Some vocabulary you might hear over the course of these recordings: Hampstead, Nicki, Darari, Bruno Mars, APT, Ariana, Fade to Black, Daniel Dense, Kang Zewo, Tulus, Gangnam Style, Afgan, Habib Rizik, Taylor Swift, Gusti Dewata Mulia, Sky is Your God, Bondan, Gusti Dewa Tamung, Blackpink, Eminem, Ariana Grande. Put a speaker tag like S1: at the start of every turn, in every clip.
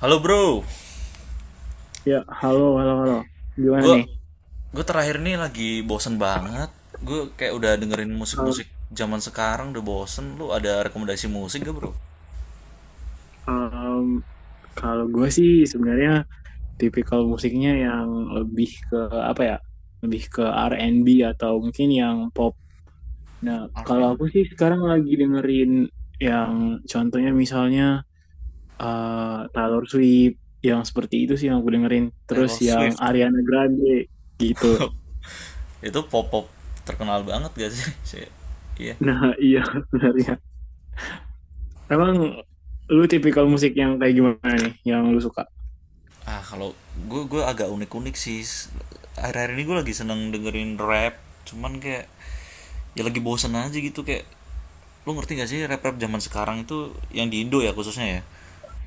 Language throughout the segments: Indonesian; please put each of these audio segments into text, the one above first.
S1: Halo bro,
S2: Ya, halo, halo, halo. Gimana
S1: gue
S2: nih?
S1: gue terakhir nih lagi bosen banget. Gue kayak udah dengerin
S2: Eh,
S1: musik-musik zaman sekarang udah bosen. Lu ada rekomendasi musik gak bro?
S2: em, kalau gue sih sebenarnya tipikal musiknya yang lebih ke apa ya? Lebih ke R and B atau mungkin yang pop. Nah, kalau aku
S1: R&B,
S2: sih sekarang lagi dengerin yang contohnya misalnya Taylor Swift yang seperti itu sih yang aku dengerin. Terus
S1: Taylor
S2: yang
S1: Swift.
S2: Ariana Grande gitu.
S1: Itu pop-pop terkenal banget gak sih? Iya.
S2: Nah, iya sebenarnya. Emang lu tipikal musik yang kayak gimana nih yang lu suka?
S1: Ah, kalau gue agak unik unik sih, akhir-akhir ini gue lagi seneng dengerin rap, cuman kayak ya lagi bosen aja gitu. Kayak lu ngerti gak sih rap rap zaman sekarang itu yang di Indo ya khususnya ya,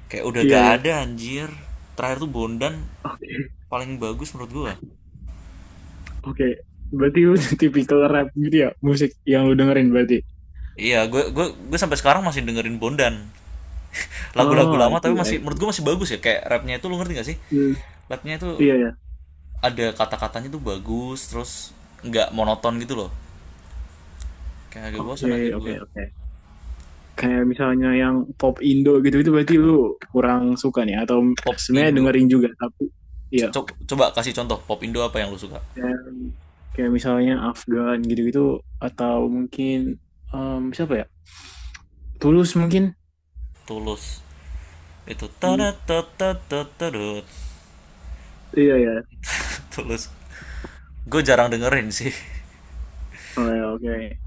S1: kayak udah
S2: Iya,
S1: gak
S2: iya.
S1: ada anjir. Terakhir tuh Bondan
S2: Oke.
S1: paling bagus menurut gue.
S2: Oke, berarti lu tipikal rap gitu ya, musik yang lu dengerin berarti.
S1: Iya, gue sampai sekarang masih dengerin Bondan. Lagu-lagu
S2: Oh, I
S1: lama tapi
S2: see, I
S1: masih menurut
S2: see.
S1: gue masih bagus ya, kayak rapnya itu, lu ngerti gak sih?
S2: Hmm,
S1: Rapnya itu
S2: iya ya.
S1: ada kata-katanya tuh bagus, terus nggak monoton gitu loh, kayak kagak bosan
S2: Oke,
S1: anjir
S2: oke,
S1: gue.
S2: oke. Kayak misalnya yang pop Indo gitu itu berarti lu kurang suka nih atau
S1: Pop
S2: sebenarnya
S1: Indo.
S2: dengerin juga tapi iya.
S1: Coba kasih contoh pop Indo apa yang lu suka?
S2: Dan kayak misalnya Afgan gitu-gitu atau mungkin siapa ya? Tulus mungkin.
S1: Tulus. Itu
S2: Hmm,
S1: tadatatatatatatut.
S2: iya ya.
S1: Tulus. Gue jarang dengerin sih.
S2: Oh, ya, oke.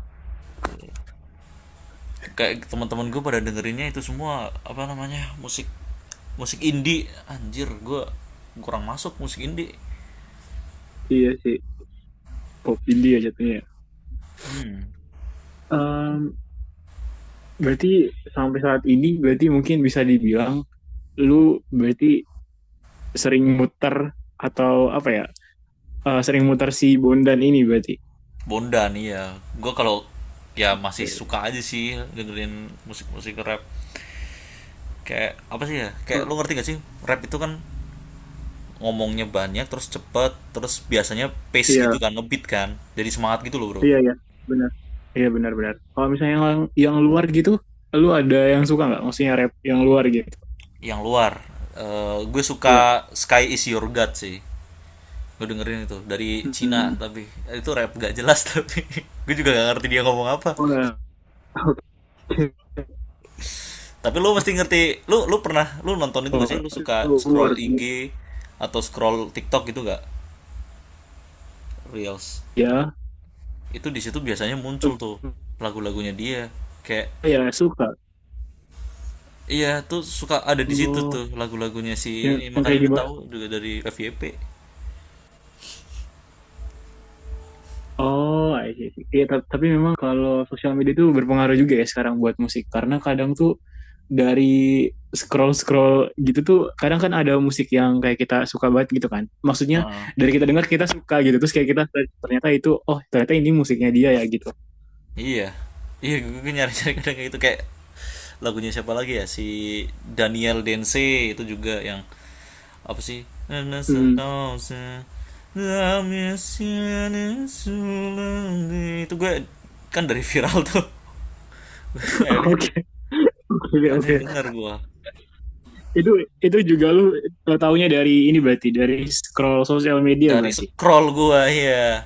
S1: Kayak teman-teman gue pada dengerinnya itu semua apa namanya? Musik musik indie. Anjir, gue kurang masuk musik indie.
S2: Iya sih, pop India jatuhnya. Ya.
S1: Hmm.
S2: Em, Berarti sampai saat ini berarti mungkin bisa dibilang lu berarti sering muter atau apa ya? Sering muter si Bondan ini berarti.
S1: Bondan ya. Gue kalau ya, masih suka
S2: Oke.
S1: aja sih dengerin musik-musik rap. Kayak apa sih ya? Kayak lu ngerti gak sih? Rap itu kan ngomongnya banyak terus cepet, terus biasanya pace gitu
S2: Iya,
S1: kan, ngebeat kan, jadi semangat gitu loh bro.
S2: iya, iya, benar. Iya benar-benar. Kalau misalnya yang luar gitu, lu ada yang suka nggak? Maksudnya rap yang luar gitu?
S1: Yang luar, gue
S2: Iya.
S1: suka Sky is Your God sih. Gue dengerin itu dari Cina,
S2: Hmm.
S1: tapi itu rap gak jelas, tapi gue juga gak ngerti dia ngomong apa,
S2: Oh, ya.
S1: tapi lu mesti ngerti. Lu lu pernah lu nonton itu gak sih?
S2: Oke,
S1: Lu suka
S2: oh,
S1: scroll
S2: luar.
S1: IG atau scroll TikTok gitu gak? Reels,
S2: Ya,
S1: itu di situ biasanya muncul tuh lagu-lagunya dia, kayak.
S2: ya suka.
S1: Iya, tuh suka ada di situ tuh
S2: Oh,
S1: lagu-lagunya si
S2: yang,
S1: ini,
S2: yang
S1: makanya
S2: kayak
S1: gue
S2: gimana?
S1: tahu juga dari FYP.
S2: Oh, I see. I see. Iya, tapi memang kalau sosial media itu berpengaruh juga ya sekarang buat musik. Karena kadang tuh dari scroll-scroll gitu tuh, kadang kan ada musik yang kayak kita suka banget gitu kan. Maksudnya
S1: Heeh.
S2: dari kita dengar kita suka gitu. Terus kayak kita ternyata itu, oh ternyata ini musiknya dia ya gitu.
S1: Iya, iya, gue nyari-nyari kadang kayak gitu, kayak lagunya siapa lagi ya si Daniel Dense, itu juga yang apa sih?
S2: Hmm.
S1: Itu gue kan dari viral tuh, akhirnya
S2: Oke. Oke,
S1: akhirnya
S2: oke.
S1: dengar gue.
S2: Itu itu juga lu taunya dari ini berarti, dari scroll sosial media
S1: Dari
S2: berarti.
S1: scroll gue ya,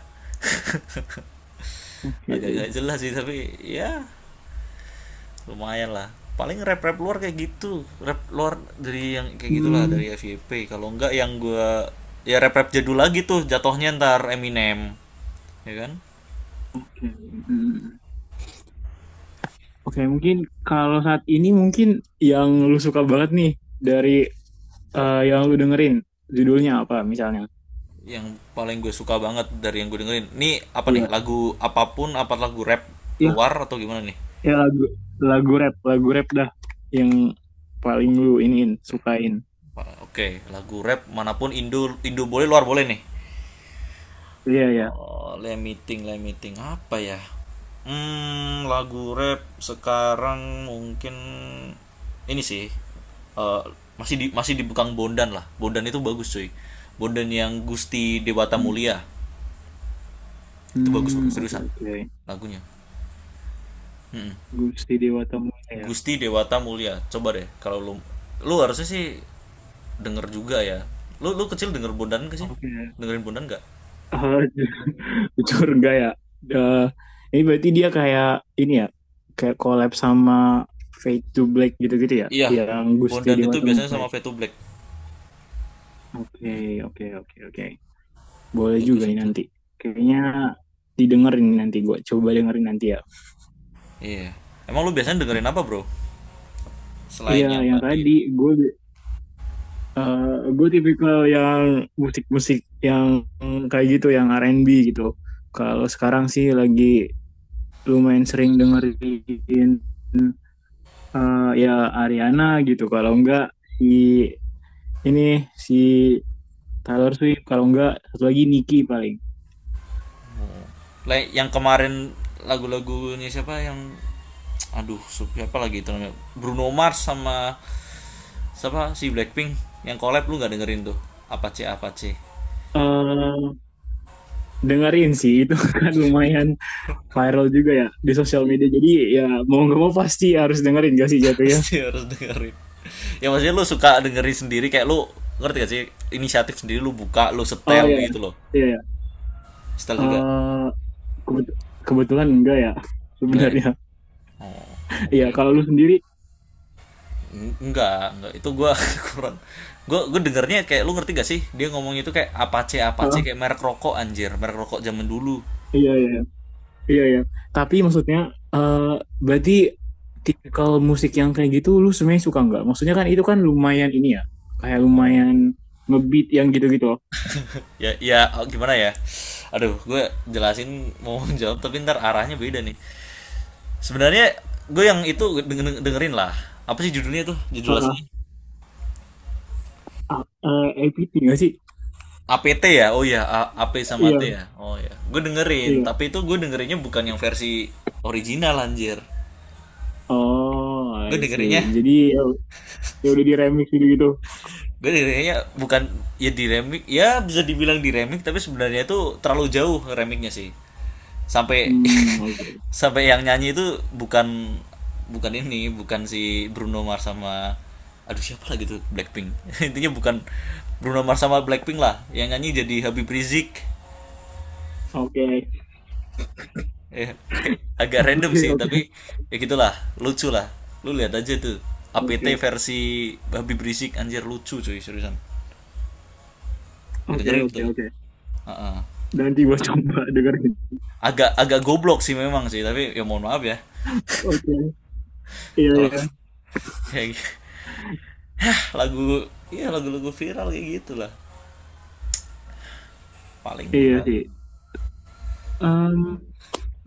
S2: Oke.
S1: agak-agak jelas sih, tapi ya lumayan lah. Paling rap rap luar kayak gitu, rap luar dari yang kayak gitulah,
S2: Hmm.
S1: dari FYP. Kalau enggak yang gue, ya rap rap jadul lagi tuh jatohnya, ntar Eminem, ya kan?
S2: Oke. Hmm. Oke, mungkin kalau saat ini mungkin yang lu suka banget nih dari yang lu dengerin judulnya apa misalnya?
S1: Yang paling gue suka banget dari yang gue dengerin nih, apa nih?
S2: Iya,
S1: Lagu apapun? Apa lagu rap
S2: ya,
S1: luar atau gimana nih?
S2: ya lagu lagu rap dah yang paling lu iniin, sukain.
S1: Oke, lagu rap manapun, Indo Indo boleh, luar boleh nih.
S2: Iya, ya.
S1: Oh, limiting, limiting apa ya? Hmm, lagu rap sekarang mungkin ini sih, eh, masih di Bukang Bondan lah. Bondan itu bagus cuy. Bondan yang Gusti Dewata Mulia, itu bagus bro,
S2: Hmm, oke
S1: seriusan
S2: oke.
S1: lagunya. Mm-mm.
S2: Gusti Dewa Tamungnya ya.
S1: Gusti Dewata Mulia, coba deh, kalau lu lu harusnya sih denger juga ya. Lu lu kecil denger Bondan gak sih?
S2: Oke.
S1: Dengerin Bondan gak?
S2: Eh, Bocor enggak ya. Eh, ini berarti dia kayak ini ya, kayak collab sama Fade to Black gitu-gitu ya,
S1: Iya,
S2: yang Gusti
S1: Bondan
S2: Dewa
S1: itu biasanya sama
S2: Tamungnya.
S1: Fade to Black.
S2: Oke, oke, oke, oke. Boleh juga
S1: Bagus
S2: nih
S1: itu.
S2: nanti. Kayaknya didengerin nanti gue. Coba dengerin nanti ya.
S1: Iya. Emang lu biasanya dengerin apa, bro? Selain
S2: Iya,
S1: yang
S2: yang
S1: tadi.
S2: tadi gue gue tipikal yang musik-musik yang kayak gitu, yang R&B gitu. Kalau sekarang sih lagi lumayan sering dengerin ya Ariana gitu. Kalau enggak si ini si Taylor Swift. Kalau enggak satu lagi Nicki paling.
S1: Like yang kemarin lagu-lagunya siapa yang, aduh, siapa lagi itu namanya? Bruno Mars sama siapa, si Blackpink, yang collab, lu nggak dengerin tuh? Apa C apa C?
S2: eh dengerin sih itu kan lumayan viral juga ya di sosial media. Jadi ya mau nggak mau pasti harus dengerin gak sih jatuhnya.
S1: Pasti harus dengerin. Ya maksudnya lu suka dengerin sendiri, kayak lu ngerti gak sih? Inisiatif sendiri lu buka, lu
S2: Oh
S1: setel
S2: iya,
S1: gitu loh.
S2: iya. Iya.
S1: Setel juga.
S2: Eh, kebet- kebetulan enggak ya
S1: Enggak ya?
S2: sebenarnya. Iya,
S1: Oke,
S2: kalau lu
S1: oke.
S2: sendiri,
S1: Enggak, enggak. Itu gue kurang. Gue dengernya kayak, lu ngerti gak sih? Dia ngomong itu kayak Apache Apache,
S2: eh,
S1: kayak merek rokok anjir, merek rokok zaman dulu.
S2: iya iya iya iya. Tapi maksudnya eh berarti tipikal musik yang kayak gitu lu sebenarnya suka nggak? Maksudnya kan itu kan lumayan ini ya, kayak
S1: Oh.
S2: lumayan ngebeat yang gitu-gitu loh.
S1: Ya ya, oh, gimana ya? Aduh, gue jelasin, mau jawab tapi ntar arahnya beda nih. Sebenarnya gue yang itu dengerin lah. Apa sih judulnya tuh? Judul
S2: Heeh.
S1: aslinya?
S2: Ah, APT nggak sih?
S1: APT ya? Oh iya, P sama
S2: Iya,
S1: T ya. Oh iya. Gue dengerin,
S2: iya.
S1: tapi itu gue dengerinnya bukan yang versi original anjir.
S2: Oh,
S1: Gue
S2: I
S1: dengerinnya
S2: see. Jadi ya, ya udah di remix gitu gitu.
S1: gue dengernya bukan, ya di remix, ya bisa dibilang di remix, tapi sebenarnya itu terlalu jauh remixnya sih, sampai
S2: Hmm, oke.
S1: sampai yang nyanyi itu bukan, bukan ini bukan si Bruno Mars sama, aduh siapa lagi tuh, Blackpink. Intinya bukan Bruno Mars sama Blackpink lah yang nyanyi, jadi Habib Rizik,
S2: Oke.
S1: ya kayak agak random
S2: Oke,
S1: sih,
S2: oke.
S1: tapi ya gitulah, lucu lah, lu lihat aja tuh, APT
S2: Oke.
S1: versi Habib Rizik, anjir lucu cuy, seriusan,
S2: Oke,
S1: dengerin
S2: oke,
S1: tuh.
S2: oke.
S1: Heeh.
S2: Nanti gua coba dengerin.
S1: Agak agak goblok sih memang sih, tapi ya mohon maaf ya,
S2: Oke. Iya,
S1: kalau
S2: iya.
S1: ya lagu, iya lagu-lagu viral kayak gitu, paling gue.
S2: Iya sih. Em,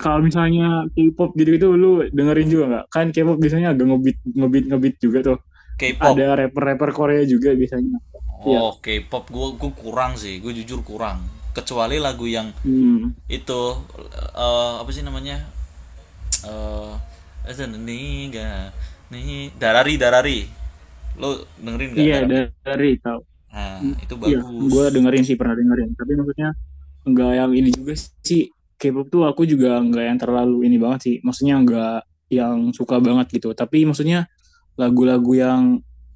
S2: Kalau misalnya K-pop gitu-gitu lu dengerin juga nggak? Kan K-pop biasanya agak ngebeat ngebeat ngebeat juga tuh. Ada
S1: K-pop,
S2: rapper-rapper Korea juga biasanya. Iya.
S1: oh K-pop gue kurang sih, gue jujur kurang, kecuali lagu yang
S2: Hmm.
S1: itu, apa sih namanya, eh Azananiga, nih gak nih, Darari Darari, lo dengerin nggak
S2: Iya,
S1: Darari?
S2: dari tahu.
S1: Nah, itu
S2: Iya,
S1: bagus.
S2: gua dengerin sih pernah dengerin. Tapi maksudnya nggak yang ini juga sih, K-pop tuh aku juga nggak yang terlalu ini banget sih, maksudnya nggak yang suka banget gitu, tapi maksudnya lagu-lagu yang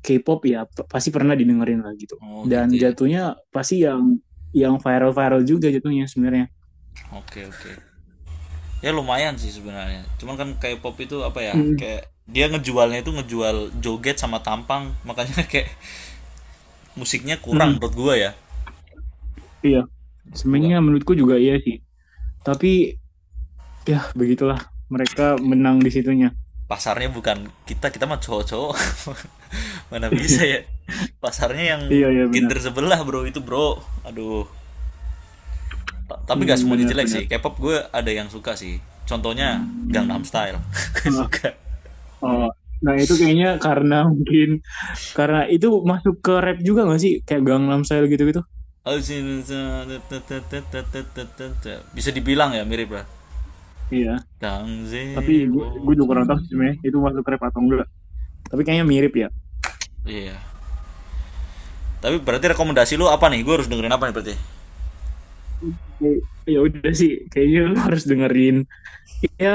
S2: K-pop ya pasti pernah didengerin lah gitu,
S1: Oh gitu
S2: dan
S1: ya.
S2: jatuhnya pasti yang viral-viral juga jatuhnya sebenarnya.
S1: Oke, oke. Ya lumayan sih sebenarnya, cuman kan kayak pop itu apa ya,
S2: Mm,
S1: kayak dia ngejualnya itu ngejual joget sama tampang, makanya kayak musiknya kurang
S2: mm,
S1: menurut gua ya,
S2: iya
S1: menurut gua
S2: sebenarnya menurutku juga iya sih, tapi ya begitulah mereka menang di situnya.
S1: pasarnya bukan kita, kita mah cowok-cowok, mana bisa ya? Pasarnya yang
S2: Iya iya benar.
S1: gender sebelah bro, itu bro, aduh. Tapi nggak semuanya
S2: Benar
S1: jelek sih
S2: benar.
S1: K-pop, gue ada yang suka sih, contohnya Gangnam Style. Gue
S2: Ah,
S1: suka.
S2: oh. Nah itu kayaknya karena mungkin karena itu masuk ke rap juga gak sih? Kayak Gangnam Style gitu-gitu.
S1: Bisa dibilang ya mirip lah,
S2: Iya,
S1: Kang
S2: tapi gue
S1: Zewo.
S2: gue juga kurang tahu sih itu masuk rap atau enggak. Tapi kayaknya mirip ya.
S1: Iya. Tapi berarti rekomendasi lu apa nih? Gue harus dengerin apa nih berarti?
S2: Oke. Ya udah sih, kayaknya lu harus dengerin. Ya,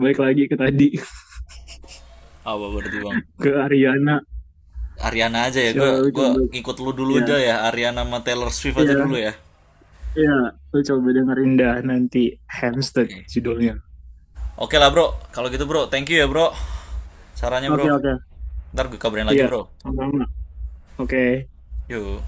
S2: balik lagi ke tadi
S1: Apa berarti bang?
S2: ke Ariana.
S1: Ariana aja ya. Gue
S2: Coba
S1: gue
S2: coba
S1: ngikut lu dulu
S2: ya,
S1: aja ya. Ariana sama Taylor Swift aja dulu
S2: ya,
S1: ya.
S2: ya, lu coba dengerin dah nanti Hampstead
S1: Oke.
S2: judulnya.
S1: Oke lah bro. Kalau gitu bro, thank you ya bro. Sarannya
S2: Oke,
S1: bro.
S2: okay, oke. Okay.
S1: Ntar gue kabarin lagi
S2: Iya,
S1: bro.
S2: sama-sama. Oke. Okay.
S1: Yuk.